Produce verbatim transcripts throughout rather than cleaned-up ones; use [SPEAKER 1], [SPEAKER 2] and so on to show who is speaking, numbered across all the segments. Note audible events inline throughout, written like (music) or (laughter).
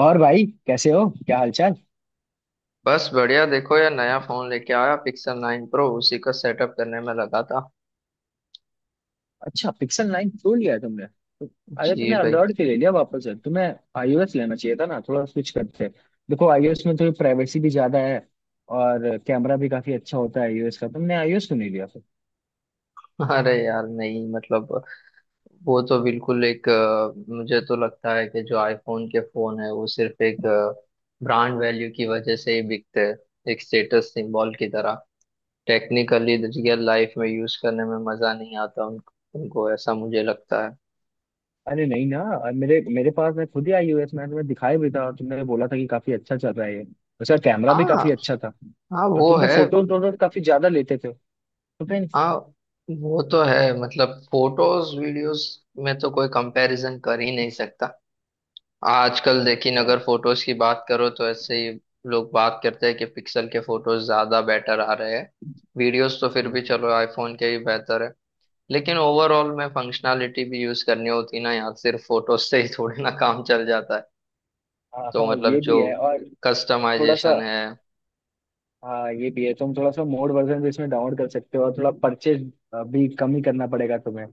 [SPEAKER 1] और भाई, कैसे हो? क्या हालचाल?
[SPEAKER 2] बस बढ़िया। देखो यार, नया फोन लेके आया, पिक्सल नाइन प्रो। उसी का सेटअप करने में लगा था।
[SPEAKER 1] अच्छा, पिक्सल नाइन प्रो लिया है तुमने तो- अरे
[SPEAKER 2] जी
[SPEAKER 1] तुमने
[SPEAKER 2] भाई।
[SPEAKER 1] एंड्रॉइड क्यों ले लिया वापस से? तुम्हें आईओएस लेना चाहिए था ना, थोड़ा स्विच करते। देखो, आईओएस में थोड़ी प्राइवेसी भी ज्यादा है और कैमरा भी काफी अच्छा होता है आईओएस का। तुमने आईओएस क्यों नहीं लिया फिर?
[SPEAKER 2] (laughs) अरे यार, नहीं मतलब वो तो बिल्कुल एक अ, मुझे तो लगता है कि जो आईफोन के फोन है वो सिर्फ एक ब्रांड वैल्यू की वजह से ही बिकते हैं, एक स्टेटस सिंबल की तरह। टेक्निकली रियल लाइफ में यूज करने में मजा नहीं आता उनको। उनको ऐसा मुझे लगता है।
[SPEAKER 1] अरे नहीं ना, और मेरे मेरे पास मैं खुद ही आईओएस मैंने तुम्हें दिखाया भी था और तुमने बोला था कि काफी अच्छा चल रहा है ये। उसका कैमरा भी काफी
[SPEAKER 2] हाँ।
[SPEAKER 1] अच्छा था।
[SPEAKER 2] हाँ
[SPEAKER 1] और
[SPEAKER 2] वो
[SPEAKER 1] तुम तो
[SPEAKER 2] है।
[SPEAKER 1] फोटो वोटो काफी ज्यादा लेते थे। तो फिर?
[SPEAKER 2] हाँ वो तो है। मतलब फोटोज वीडियोस में तो कोई कंपैरिजन कर ही नहीं सकता आजकल, लेकिन अगर
[SPEAKER 1] हाँ।
[SPEAKER 2] फोटोज की बात करो तो ऐसे ही लोग बात करते हैं कि पिक्सल के फोटोज ज्यादा बेटर आ रहे हैं। वीडियोस तो फिर
[SPEAKER 1] हम्म,
[SPEAKER 2] भी
[SPEAKER 1] हम्म।
[SPEAKER 2] चलो आईफोन के ही बेहतर है। लेकिन ओवरऑल में फंक्शनैलिटी भी यूज करनी होती ना यार, सिर्फ फोटोज से ही थोड़ी ना काम चल जाता है।
[SPEAKER 1] हाँ
[SPEAKER 2] तो
[SPEAKER 1] हाँ,
[SPEAKER 2] मतलब
[SPEAKER 1] ये
[SPEAKER 2] जो
[SPEAKER 1] भी है। और थोड़ा सा,
[SPEAKER 2] कस्टमाइजेशन है।
[SPEAKER 1] हाँ, ये भी है। तुम थोड़ा सा मोड वर्जन भी इसमें डाउनलोड कर सकते हो और थोड़ा परचेज भी कम ही करना पड़ेगा तुम्हें।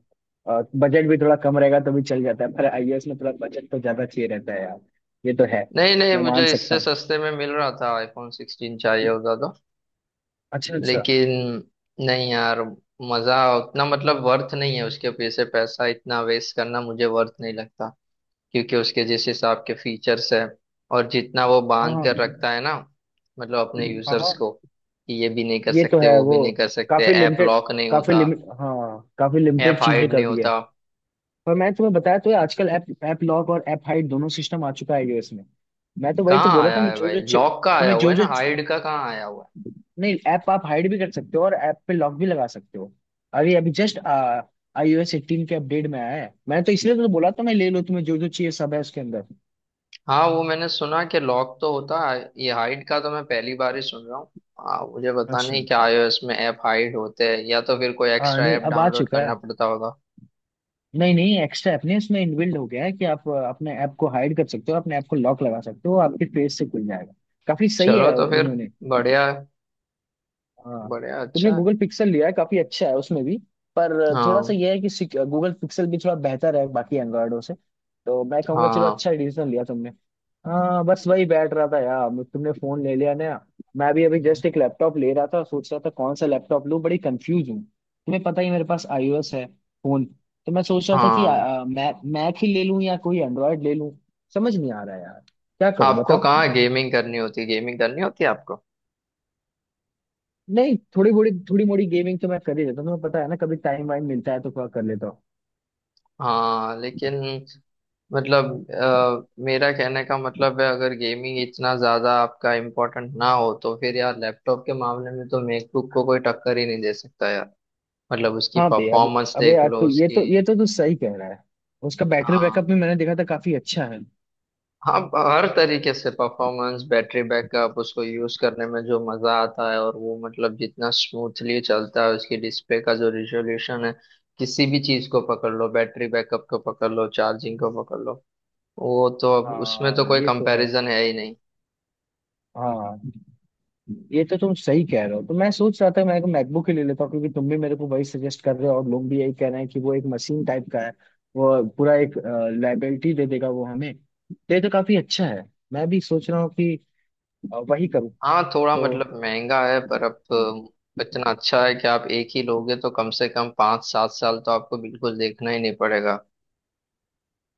[SPEAKER 1] और बजट भी थोड़ा कम रहेगा तो भी चल जाता है, पर आईओएस में थोड़ा बजट तो ज्यादा चाहिए रहता है यार। ये तो है।
[SPEAKER 2] नहीं नहीं,
[SPEAKER 1] मैं मान
[SPEAKER 2] मुझे
[SPEAKER 1] सकता
[SPEAKER 2] इससे
[SPEAKER 1] हूँ।
[SPEAKER 2] सस्ते में मिल रहा था आईफोन सिक्सटीन, चाहिए होता तो।
[SPEAKER 1] अच्छा, अच्छा।
[SPEAKER 2] लेकिन नहीं यार, मजा उतना मतलब वर्थ नहीं है, उसके पीछे पैसा इतना वेस्ट करना मुझे वर्थ नहीं लगता। क्योंकि उसके जिस हिसाब के फीचर्स है, और जितना वो
[SPEAKER 1] हाँ
[SPEAKER 2] बांध
[SPEAKER 1] हाँ,
[SPEAKER 2] कर रखता है ना, मतलब अपने
[SPEAKER 1] हाँ
[SPEAKER 2] यूजर्स
[SPEAKER 1] हाँ।
[SPEAKER 2] को, कि ये भी नहीं कर
[SPEAKER 1] ये तो
[SPEAKER 2] सकते
[SPEAKER 1] है
[SPEAKER 2] वो
[SPEAKER 1] वो,
[SPEAKER 2] भी नहीं कर सकते,
[SPEAKER 1] काफी
[SPEAKER 2] ऐप
[SPEAKER 1] लिमिटेड।
[SPEAKER 2] लॉक नहीं
[SPEAKER 1] काफी
[SPEAKER 2] होता,
[SPEAKER 1] लिमिट हाँ, काफी
[SPEAKER 2] ऐप
[SPEAKER 1] लिमिटेड चीजें
[SPEAKER 2] हाइड
[SPEAKER 1] कर
[SPEAKER 2] नहीं
[SPEAKER 1] दी है।
[SPEAKER 2] होता।
[SPEAKER 1] पर मैं तुम्हें बताया तो है, आजकल ऐप ऐप लॉक और ऐप हाइड दोनों सिस्टम आ चुका है iOS में। मैं तो वही तो
[SPEAKER 2] कहाँ
[SPEAKER 1] बोल रहा था,
[SPEAKER 2] आया
[SPEAKER 1] मैं
[SPEAKER 2] है
[SPEAKER 1] जो
[SPEAKER 2] भाई?
[SPEAKER 1] जो चे-
[SPEAKER 2] लॉक का आया
[SPEAKER 1] तुम्हें
[SPEAKER 2] हुआ
[SPEAKER 1] जो
[SPEAKER 2] है ना,
[SPEAKER 1] जो,
[SPEAKER 2] हाइड का कहाँ आया हुआ है?
[SPEAKER 1] नहीं, ऐप आप हाइड भी कर सकते हो और ऐप पे लॉक भी लगा सकते हो। अभी अभी जस्ट आईओएस एटीन के अपडेट में आया है। मैं तो इसलिए तो बोला था, मैं ले लो, तुम्हें जो जो चाहिए सब है उसके अंदर।
[SPEAKER 2] हाँ वो मैंने सुना कि लॉक तो होता है, ये हाइड का तो मैं पहली बार ही सुन रहा हूँ। हाँ मुझे पता
[SPEAKER 1] अच्छा।
[SPEAKER 2] नहीं क्या iOS में ऐप हाइड होते हैं, या तो फिर कोई
[SPEAKER 1] हाँ,
[SPEAKER 2] एक्स्ट्रा
[SPEAKER 1] नहीं,
[SPEAKER 2] ऐप
[SPEAKER 1] अब आ
[SPEAKER 2] डाउनलोड
[SPEAKER 1] चुका
[SPEAKER 2] करना
[SPEAKER 1] है।
[SPEAKER 2] पड़ता होगा।
[SPEAKER 1] नहीं नहीं, एक्स्ट्रा ऐप नहीं, उसमें इनबिल्ड हो गया है कि आप अ, अपने ऐप को हाइड कर सकते हो, अपने ऐप को लॉक लगा सकते हो, आपके फेस से खुल जाएगा। काफी सही है
[SPEAKER 2] चलो तो फिर,
[SPEAKER 1] इन्होंने।
[SPEAKER 2] बढ़िया है,
[SPEAKER 1] हाँ।
[SPEAKER 2] बढ़िया
[SPEAKER 1] तुमने
[SPEAKER 2] अच्छा है।
[SPEAKER 1] गूगल पिक्सल लिया है, काफी अच्छा है उसमें भी। पर थोड़ा सा
[SPEAKER 2] हाँ
[SPEAKER 1] यह है कि गूगल पिक्सल भी थोड़ा बेहतर है बाकी एंड्रॉयडों से। तो मैं कहूंगा, चलो,
[SPEAKER 2] हाँ।
[SPEAKER 1] अच्छा डिसीजन लिया तुमने। हाँ, बस वही बैठ रहा था यार, तुमने फोन ले लिया ना। मैं भी अभी
[SPEAKER 2] हम्म।
[SPEAKER 1] जस्ट एक लैपटॉप ले रहा था, सोच रहा था कौन सा लैपटॉप लूँ। बड़ी कंफ्यूज हूँ, तुम्हें पता ही, मेरे पास आईओएस है फोन। तो मैं सोच रहा था कि
[SPEAKER 2] हाँ।
[SPEAKER 1] मैक मैक ही ले लूँ या कोई एंड्रॉयड ले लूँ। समझ नहीं आ रहा यार, क्या करूँ
[SPEAKER 2] आपको
[SPEAKER 1] बताओ।
[SPEAKER 2] कहाँ गेमिंग करनी होती गेमिंग करनी होती है आपको?
[SPEAKER 1] नहीं, थोड़ी बड़ी थोड़ी मोड़ी गेमिंग तो मैं कर ही लेता हूँ, तुम्हें पता है ना, कभी टाइम वाइम मिलता है तो थोड़ा कर लेता हूँ।
[SPEAKER 2] हाँ लेकिन मतलब अ, मेरा कहने का मतलब है अगर गेमिंग इतना ज्यादा आपका इम्पोर्टेंट ना हो तो फिर यार लैपटॉप के मामले में तो मैकबुक को कोई टक्कर ही नहीं दे सकता यार। मतलब उसकी
[SPEAKER 1] हाँ बे, अब
[SPEAKER 2] परफॉर्मेंस
[SPEAKER 1] अबे
[SPEAKER 2] देख
[SPEAKER 1] यार
[SPEAKER 2] लो
[SPEAKER 1] तू, ये
[SPEAKER 2] उसकी।
[SPEAKER 1] तो ये तो तू सही कह रहा है। उसका बैटरी बैकअप
[SPEAKER 2] हाँ
[SPEAKER 1] भी मैंने देखा था, काफी अच्छा है।
[SPEAKER 2] हाँ। हर तरीके से परफॉर्मेंस, बैटरी बैकअप, उसको यूज करने में जो मजा आता है, और वो मतलब जितना स्मूथली चलता है, उसकी डिस्प्ले का जो रिजोल्यूशन है, किसी भी चीज को पकड़ लो, बैटरी बैकअप को पकड़ लो, चार्जिंग को पकड़ लो, वो तो अब उसमें
[SPEAKER 1] हाँ,
[SPEAKER 2] तो कोई
[SPEAKER 1] ये तो है।
[SPEAKER 2] कंपैरिजन है ही नहीं।
[SPEAKER 1] हाँ, ये तो तुम सही कह रहे हो। तो मैं सोच रहा था मैं एक मैकबुक ही ले लेता हूँ, क्योंकि तुम भी मेरे को वही सजेस्ट कर रहे हो और लोग भी यही कह रहे हैं कि वो एक मशीन टाइप का है। वो पूरा एक लाइबिलिटी दे देगा वो हमें। तो ये तो काफी अच्छा है। मैं भी सोच रहा हूँ कि अ, वही करूँ।
[SPEAKER 2] हाँ थोड़ा
[SPEAKER 1] तो
[SPEAKER 2] मतलब महंगा है पर अब
[SPEAKER 1] हम्म,
[SPEAKER 2] अ, इतना अच्छा है कि आप एक ही लोगे तो कम से कम पाँच सात साल तो आपको बिल्कुल देखना ही नहीं पड़ेगा।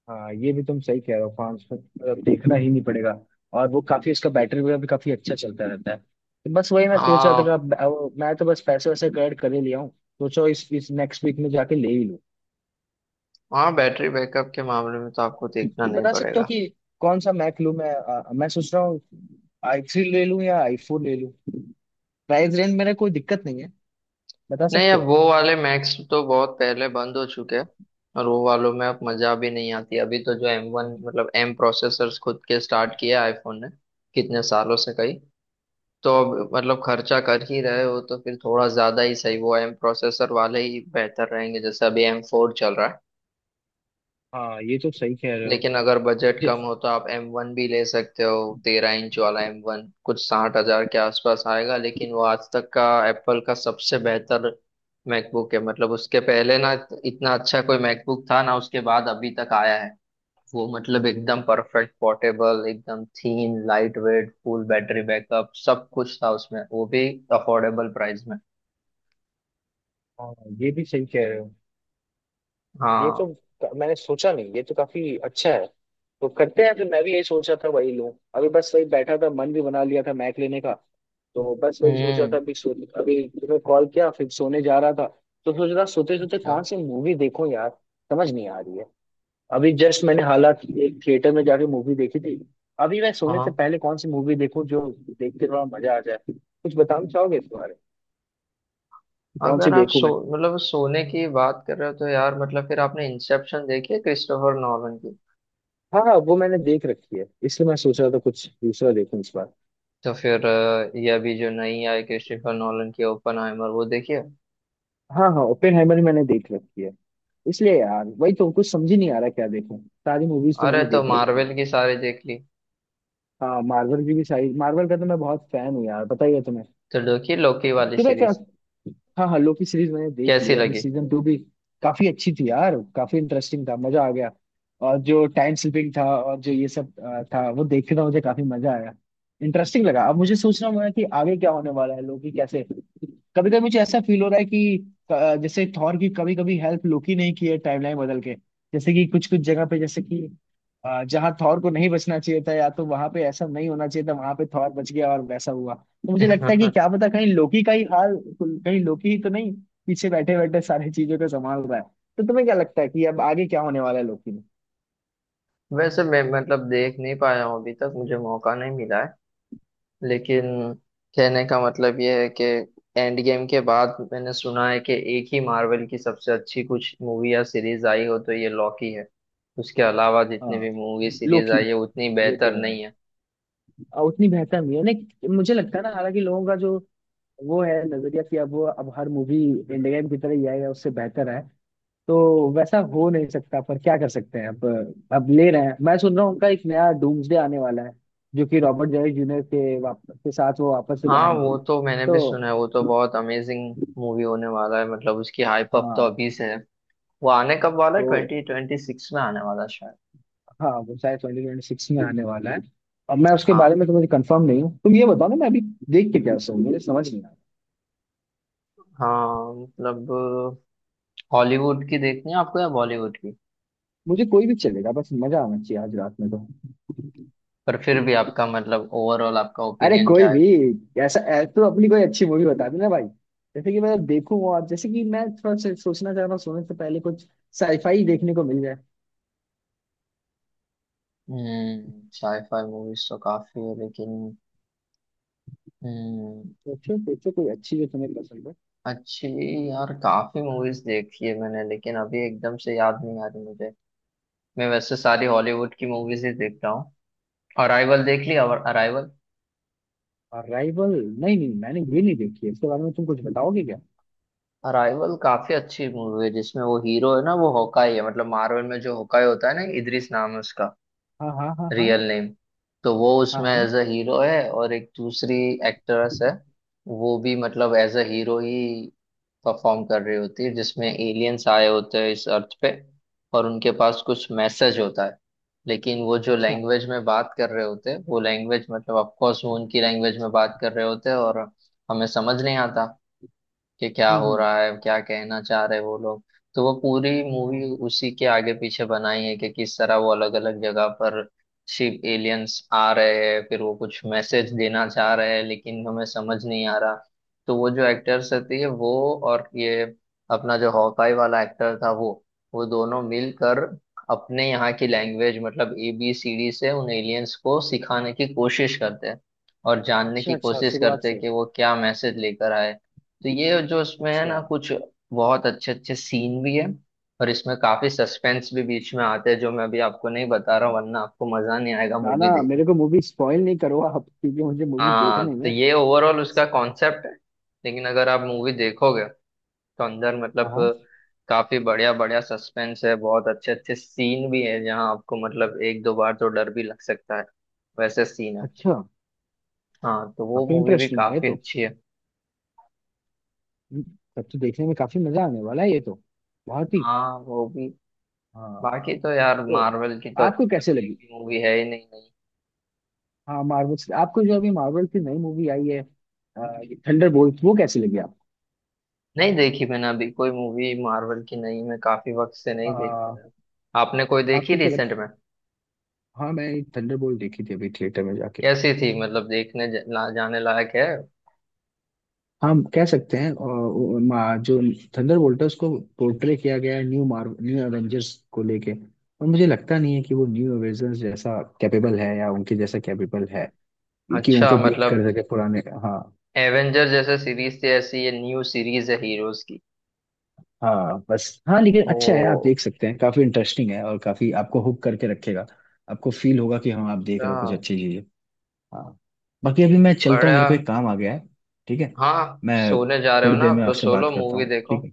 [SPEAKER 1] हाँ, ये भी तुम सही कह रहे हो। पाँच सौ देखना ही नहीं पड़ेगा। और वो काफी, उसका बैटरी वगैरह भी काफी अच्छा चलता रहता है। तो बस वही मैं सोच रहा था कि
[SPEAKER 2] हाँ
[SPEAKER 1] अब- अब मैं तो बस पैसे वैसे कलेक्ट कर ही लिया हूँ। सोचो, इस इस नेक्स्ट वीक में जाके ले ही लूँ।
[SPEAKER 2] हाँ, बैटरी बैकअप के मामले में तो आपको देखना
[SPEAKER 1] ये
[SPEAKER 2] नहीं
[SPEAKER 1] बता सकते हो
[SPEAKER 2] पड़ेगा।
[SPEAKER 1] कि कौन सा मैक लूं? मैं अ, मैं सोच रहा हूँ, आई थ्री ले लूं या आई फोर ले लूं। प्राइस रेंज मेरा कोई दिक्कत नहीं है, बता
[SPEAKER 2] नहीं
[SPEAKER 1] सकते
[SPEAKER 2] अब
[SPEAKER 1] हो।
[SPEAKER 2] वो वाले मैक्स तो बहुत पहले बंद हो चुके हैं, और वो वालों में अब मजा भी नहीं आती। अभी तो जो एम वन मतलब एम प्रोसेसर्स खुद के स्टार्ट किए आईफोन ने कितने सालों से, कई। तो अब मतलब खर्चा कर ही रहे हो तो फिर थोड़ा ज्यादा ही सही, वो एम प्रोसेसर वाले ही बेहतर रहेंगे, जैसे अभी एम फोर चल रहा है।
[SPEAKER 1] हाँ, ये तो सही कह रहे हो।
[SPEAKER 2] लेकिन अगर बजट
[SPEAKER 1] मुझे,
[SPEAKER 2] कम हो तो आप एम वन भी ले सकते हो। तेरह इंच वाला एम वन कुछ साठ हज़ार के आसपास आएगा, लेकिन वो आज तक का एप्पल का सबसे बेहतर मैकबुक है। मतलब उसके पहले ना इतना अच्छा कोई मैकबुक था, ना उसके बाद अभी तक आया है। वो मतलब एकदम परफेक्ट पोर्टेबल, एकदम thin light weight, full battery backup, सब कुछ था उसमें, वो भी अफोर्डेबल प्राइस में।
[SPEAKER 1] हाँ, ये भी सही कह रहे हो। ये तो,
[SPEAKER 2] हाँ।
[SPEAKER 1] क- मैंने सोचा नहीं, ये तो काफी अच्छा है। तो करते हैं फिर, मैं भी यही सोचा था वही लूँ। अभी बस वही बैठा था, मन भी बना लिया था मैक लेने का। तो बस वही सोचा था।
[SPEAKER 2] हम्म।
[SPEAKER 1] अभी सो, अभी तुम्हें कॉल किया, फिर सोने जा रहा था। तो सोच रहा, सोते सोते
[SPEAKER 2] अच्छा।
[SPEAKER 1] कौन सी मूवी देखूं यार, समझ नहीं आ रही है। अभी जस्ट मैंने हालांकि एक थिएटर में जाके मूवी देखी थी। अभी मैं सोने से
[SPEAKER 2] हाँ
[SPEAKER 1] पहले कौन सी मूवी देखूं जो देख के थोड़ा मजा आ जाए? कुछ बताना चाहोगे इस बारे में? कौन सी
[SPEAKER 2] अगर आप
[SPEAKER 1] देखूं
[SPEAKER 2] सो
[SPEAKER 1] मैं?
[SPEAKER 2] मतलब सोने की बात कर रहे हो तो यार मतलब फिर आपने इंसेप्शन देखी है क्रिस्टोफर नॉलन की?
[SPEAKER 1] हाँ हाँ, वो मैंने देख रखी है, इसलिए मैं सोच रहा था कुछ दूसरा देखूं इस बार।
[SPEAKER 2] तो फिर अ, ये अभी जो नई आई क्रिस्टोफर नॉलन की ओपनहाइमर, वो देखिए।
[SPEAKER 1] हाँ हाँ, ओपेनहाइमर भी मैंने देख रखी है। इसलिए यार वही तो कुछ समझ ही नहीं आ रहा क्या देखूं। सारी मूवीज तो
[SPEAKER 2] अरे
[SPEAKER 1] मैंने
[SPEAKER 2] तो
[SPEAKER 1] देख रखी है।
[SPEAKER 2] मार्वल की सारी देख ली?
[SPEAKER 1] हाँ, मार्वल की भी सारी। मार्वल का तो मैं बहुत फैन हूँ यार, पता ही है तुम्हें।
[SPEAKER 2] तो देखी लोकी वाली
[SPEAKER 1] तुम्हें क्या,
[SPEAKER 2] सीरीज?
[SPEAKER 1] हाँ हाँ, लोकी सीरीज मैंने देख ली
[SPEAKER 2] कैसी
[SPEAKER 1] है। अभी
[SPEAKER 2] लगी?
[SPEAKER 1] सीजन टू भी। काफी अच्छी थी यार, काफी इंटरेस्टिंग था, मजा आ गया। और जो टाइम स्लिपिंग था और जो ये सब अ, था, वो देखने का मुझे काफी मजा आया। इंटरेस्टिंग लगा। अब मुझे सोचना हुआ है कि आगे क्या होने वाला है लोकी कैसे। कभी कभी मुझे ऐसा फील हो रहा है कि, अ, जैसे थॉर की कभी कभी हेल्प लोकी नहीं की है टाइमलाइन बदल के, जैसे कि कुछ कुछ जगह पे, जैसे कि, अ, जहाँ थॉर को नहीं बचना चाहिए था, या तो वहां पे ऐसा नहीं होना चाहिए था, वहां पे थॉर बच गया और वैसा हुआ। तो मुझे लगता है कि
[SPEAKER 2] (laughs)
[SPEAKER 1] क्या पता कहीं लोकी का ही हाल, कहीं लोकी ही तो नहीं पीछे बैठे बैठे सारी चीजों को संभाल रहा है। तो तुम्हें क्या लगता है कि अब आगे क्या होने वाला है लोकी में?
[SPEAKER 2] वैसे मैं मतलब देख नहीं पाया हूँ अभी तक, मुझे मौका नहीं मिला है। लेकिन कहने का मतलब ये है कि एंड गेम के बाद मैंने सुना है कि एक ही मार्वल की सबसे अच्छी कुछ मूवी या सीरीज आई हो तो ये लॉकी है। उसके अलावा जितनी
[SPEAKER 1] हाँ,
[SPEAKER 2] भी मूवी सीरीज
[SPEAKER 1] लोकी।
[SPEAKER 2] आई है उतनी
[SPEAKER 1] ये तो
[SPEAKER 2] बेहतर
[SPEAKER 1] है।
[SPEAKER 2] नहीं है।
[SPEAKER 1] आ, उतनी बेहतर नहीं है, नहीं मुझे लगता है ना। हालांकि लोगों का जो वो है नजरिया कि अब वो, अब हर मूवी एंड गेम की तरह ही आएगा उससे बेहतर है, तो वैसा हो नहीं सकता, पर क्या कर सकते हैं अब। अब ले रहे हैं, मैं सुन रहा हूँ उनका एक नया डूम्सडे आने वाला है जो कि रॉबर्ट डॉनी जूनियर के वाप, के साथ वो वापस से
[SPEAKER 2] हाँ
[SPEAKER 1] बनाएंगे।
[SPEAKER 2] वो तो मैंने भी
[SPEAKER 1] तो
[SPEAKER 2] सुना है, वो तो बहुत अमेजिंग मूवी होने वाला है। मतलब उसकी हाइप अप तो
[SPEAKER 1] हाँ,
[SPEAKER 2] अभी से है। वो आने कब वाला है?
[SPEAKER 1] तो
[SPEAKER 2] ट्वेंटी ट्वेंटी सिक्स में आने वाला है शायद।
[SPEAKER 1] हाँ, वो शायद ट्वेंटी ट्वेंटी सिक्स में आने वाला है। अब मैं उसके बारे
[SPEAKER 2] हाँ
[SPEAKER 1] में तो मुझे कंफर्म नहीं हूँ। तुम ये बताओ ना, मैं अभी देख के क्या सोऊं, मुझे समझ नहीं आ रहा।
[SPEAKER 2] हाँ। मतलब हॉलीवुड की देखनी है आपको या बॉलीवुड की?
[SPEAKER 1] मुझे कोई भी चलेगा, बस मजा आना चाहिए आज रात में तो।
[SPEAKER 2] पर फिर भी आपका मतलब ओवरऑल आपका
[SPEAKER 1] अरे
[SPEAKER 2] ओपिनियन
[SPEAKER 1] कोई
[SPEAKER 2] क्या है?
[SPEAKER 1] भी, ऐसा ऐ- तो अपनी कोई अच्छी मूवी बता देना भाई, जैसे कि मैं देखूं, और जैसे कि मैं थोड़ा सा सोचना चाह रहा हूँ, सोने से पहले कुछ साईफाई देखने को मिल जाए।
[SPEAKER 2] हम्म साईफाई मूवीज तो काफी है लेकिन हम्म
[SPEAKER 1] सोचो सोचो कोई अच्छी जो तुम्हें पसंद हो।
[SPEAKER 2] अच्छी। यार काफी मूवीज देखी है मैंने लेकिन अभी एकदम से याद नहीं आ रही मुझे। मैं वैसे सारी हॉलीवुड की मूवीज ही देखता हूँ। अराइवल देख ली? अराइवल
[SPEAKER 1] और राइवल? नहीं नहीं, मैंने ये नहीं देखी है। इसके बारे में तुम कुछ बताओगे क्या?
[SPEAKER 2] अराइवल काफी अच्छी मूवी है, जिसमें वो हीरो है ना, वो होकाई है, मतलब मार्वल में जो होकाई होता है ना, इद्रिस नाम है उसका
[SPEAKER 1] हाँ हाँ, हाँ हाँ।
[SPEAKER 2] Real name. तो वो
[SPEAKER 1] हाँ
[SPEAKER 2] उसमें एज अ
[SPEAKER 1] हाँ।
[SPEAKER 2] हीरो है, और एक दूसरी एक्ट्रेस है, वो भी मतलब एज अ हीरो ही परफॉर्म कर रही होती है, जिसमें एलियंस आए होते हैं इस अर्थ पे, और उनके पास कुछ मैसेज होता है। लेकिन वो जो
[SPEAKER 1] अच्छा।
[SPEAKER 2] लैंग्वेज में बात कर रहे होते हैं, वो लैंग्वेज मतलब ऑफ कोर्स वो उनकी लैंग्वेज में बात कर रहे होते हैं, और हमें समझ नहीं आता कि क्या
[SPEAKER 1] हम्म
[SPEAKER 2] हो
[SPEAKER 1] हम्म।
[SPEAKER 2] रहा है, क्या कहना चाह रहे वो लोग। तो वो पूरी मूवी
[SPEAKER 1] हाँ।
[SPEAKER 2] उसी के आगे पीछे बनाई है, कि किस तरह वो अलग अलग जगह पर शिप एलियंस आ रहे हैं, फिर वो कुछ मैसेज देना चाह रहे हैं, लेकिन हमें समझ नहीं आ रहा। तो वो जो एक्टर्स रहती है वो, और ये अपना जो हॉकाई वाला एक्टर था वो वो दोनों मिलकर अपने यहाँ की लैंग्वेज मतलब ए बी सी डी से उन एलियंस को सिखाने की कोशिश करते हैं, और जानने
[SPEAKER 1] अच्छा,
[SPEAKER 2] की
[SPEAKER 1] अच्छा,
[SPEAKER 2] कोशिश
[SPEAKER 1] शुरुआत
[SPEAKER 2] करते हैं
[SPEAKER 1] से।
[SPEAKER 2] कि वो क्या मैसेज लेकर आए। तो ये जो इसमें है
[SPEAKER 1] अच्छा।
[SPEAKER 2] ना, कुछ बहुत अच्छे अच्छे सीन भी है, और इसमें काफी सस्पेंस भी बीच में आते हैं, जो मैं अभी आपको नहीं बता रहा
[SPEAKER 1] हम्म।
[SPEAKER 2] हूँ वरना आपको मजा नहीं आएगा
[SPEAKER 1] ना ना,
[SPEAKER 2] मूवी देखने।
[SPEAKER 1] मेरे को मूवी स्पॉइल नहीं करो आप, क्योंकि मुझे मूवी
[SPEAKER 2] हाँ
[SPEAKER 1] देखनी
[SPEAKER 2] तो
[SPEAKER 1] है।
[SPEAKER 2] ये ओवरऑल उसका कॉन्सेप्ट है, लेकिन अगर आप मूवी देखोगे तो अंदर
[SPEAKER 1] हाँ
[SPEAKER 2] मतलब
[SPEAKER 1] हाँ।
[SPEAKER 2] काफी बढ़िया बढ़िया सस्पेंस है, बहुत अच्छे अच्छे सीन भी है जहाँ आपको मतलब एक दो बार तो डर भी लग सकता है, वैसे सीन है।
[SPEAKER 1] अच्छा।
[SPEAKER 2] हाँ तो वो
[SPEAKER 1] काफी
[SPEAKER 2] मूवी भी
[SPEAKER 1] इंटरेस्टिंग है ये
[SPEAKER 2] काफी
[SPEAKER 1] तो।
[SPEAKER 2] अच्छी है।
[SPEAKER 1] हम्म, तब तो देखने में काफी मजा आने वाला है ये तो, बहुत ही।
[SPEAKER 2] हाँ वो भी।
[SPEAKER 1] हाँ।
[SPEAKER 2] बाकी तो यार
[SPEAKER 1] तो
[SPEAKER 2] मार्वल की तो
[SPEAKER 1] आपको कैसे
[SPEAKER 2] अभी एक
[SPEAKER 1] लगी?
[SPEAKER 2] भी मूवी है ही नहीं, नहीं
[SPEAKER 1] हाँ, मार्वल से, आपको जो अभी मार्वल की नई मूवी आई है, थंडर बोल्ट, वो कैसी लगी आपको?
[SPEAKER 2] नहीं देखी मैंने अभी कोई मूवी मार्वल की नहीं, मैं काफी वक्त से नहीं देख
[SPEAKER 1] आ,
[SPEAKER 2] पाया। आपने कोई देखी
[SPEAKER 1] आपको क्या लग-
[SPEAKER 2] रिसेंट में?
[SPEAKER 1] हाँ, मैं थंडर बोल्ट देखी थी अभी थिएटर में जाके।
[SPEAKER 2] कैसी थी? मतलब देखने ज- ला, जाने लायक है?
[SPEAKER 1] हम कह सकते हैं, और मा- जो थंडरबोल्ट है उसको पोर्ट्रे किया गया है न्यू मार्व न्यू एवेंजर्स को लेके। और मुझे लगता नहीं है कि वो न्यू एवेंजर्स जैसा कैपेबल है या उनके जैसा कैपेबल है कि
[SPEAKER 2] अच्छा
[SPEAKER 1] उनको बीट
[SPEAKER 2] मतलब
[SPEAKER 1] कर सके पुराने। हाँ,
[SPEAKER 2] एवेंजर जैसे सीरीज थी ऐसी ये न्यू सीरीज है हीरोज की?
[SPEAKER 1] हाँ बस, हाँ लेकिन अच्छा है, आप
[SPEAKER 2] ओ
[SPEAKER 1] देख सकते हैं, काफी इंटरेस्टिंग है और काफी आपको हुक करके रखेगा। आपको फील होगा कि हाँ, आप देख
[SPEAKER 2] अच्छा।
[SPEAKER 1] रहे हो कुछ अच्छी चीजें। हाँ। बाकी अभी मैं चलता हूँ,
[SPEAKER 2] बड़ा।
[SPEAKER 1] मेरे को एक काम आ गया है। ठीक है,
[SPEAKER 2] हाँ
[SPEAKER 1] मैं
[SPEAKER 2] सोने जा रहे हो
[SPEAKER 1] थोड़ी
[SPEAKER 2] ना,
[SPEAKER 1] देर
[SPEAKER 2] अब
[SPEAKER 1] में
[SPEAKER 2] तो
[SPEAKER 1] आपसे
[SPEAKER 2] सोलो
[SPEAKER 1] बात करता
[SPEAKER 2] मूवी
[SPEAKER 1] हूँ, ठीक
[SPEAKER 2] देखो।
[SPEAKER 1] है?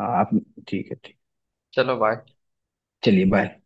[SPEAKER 1] हाँ आप, ठीक है, ठीक।
[SPEAKER 2] चलो बाय।
[SPEAKER 1] चलिए, बाय।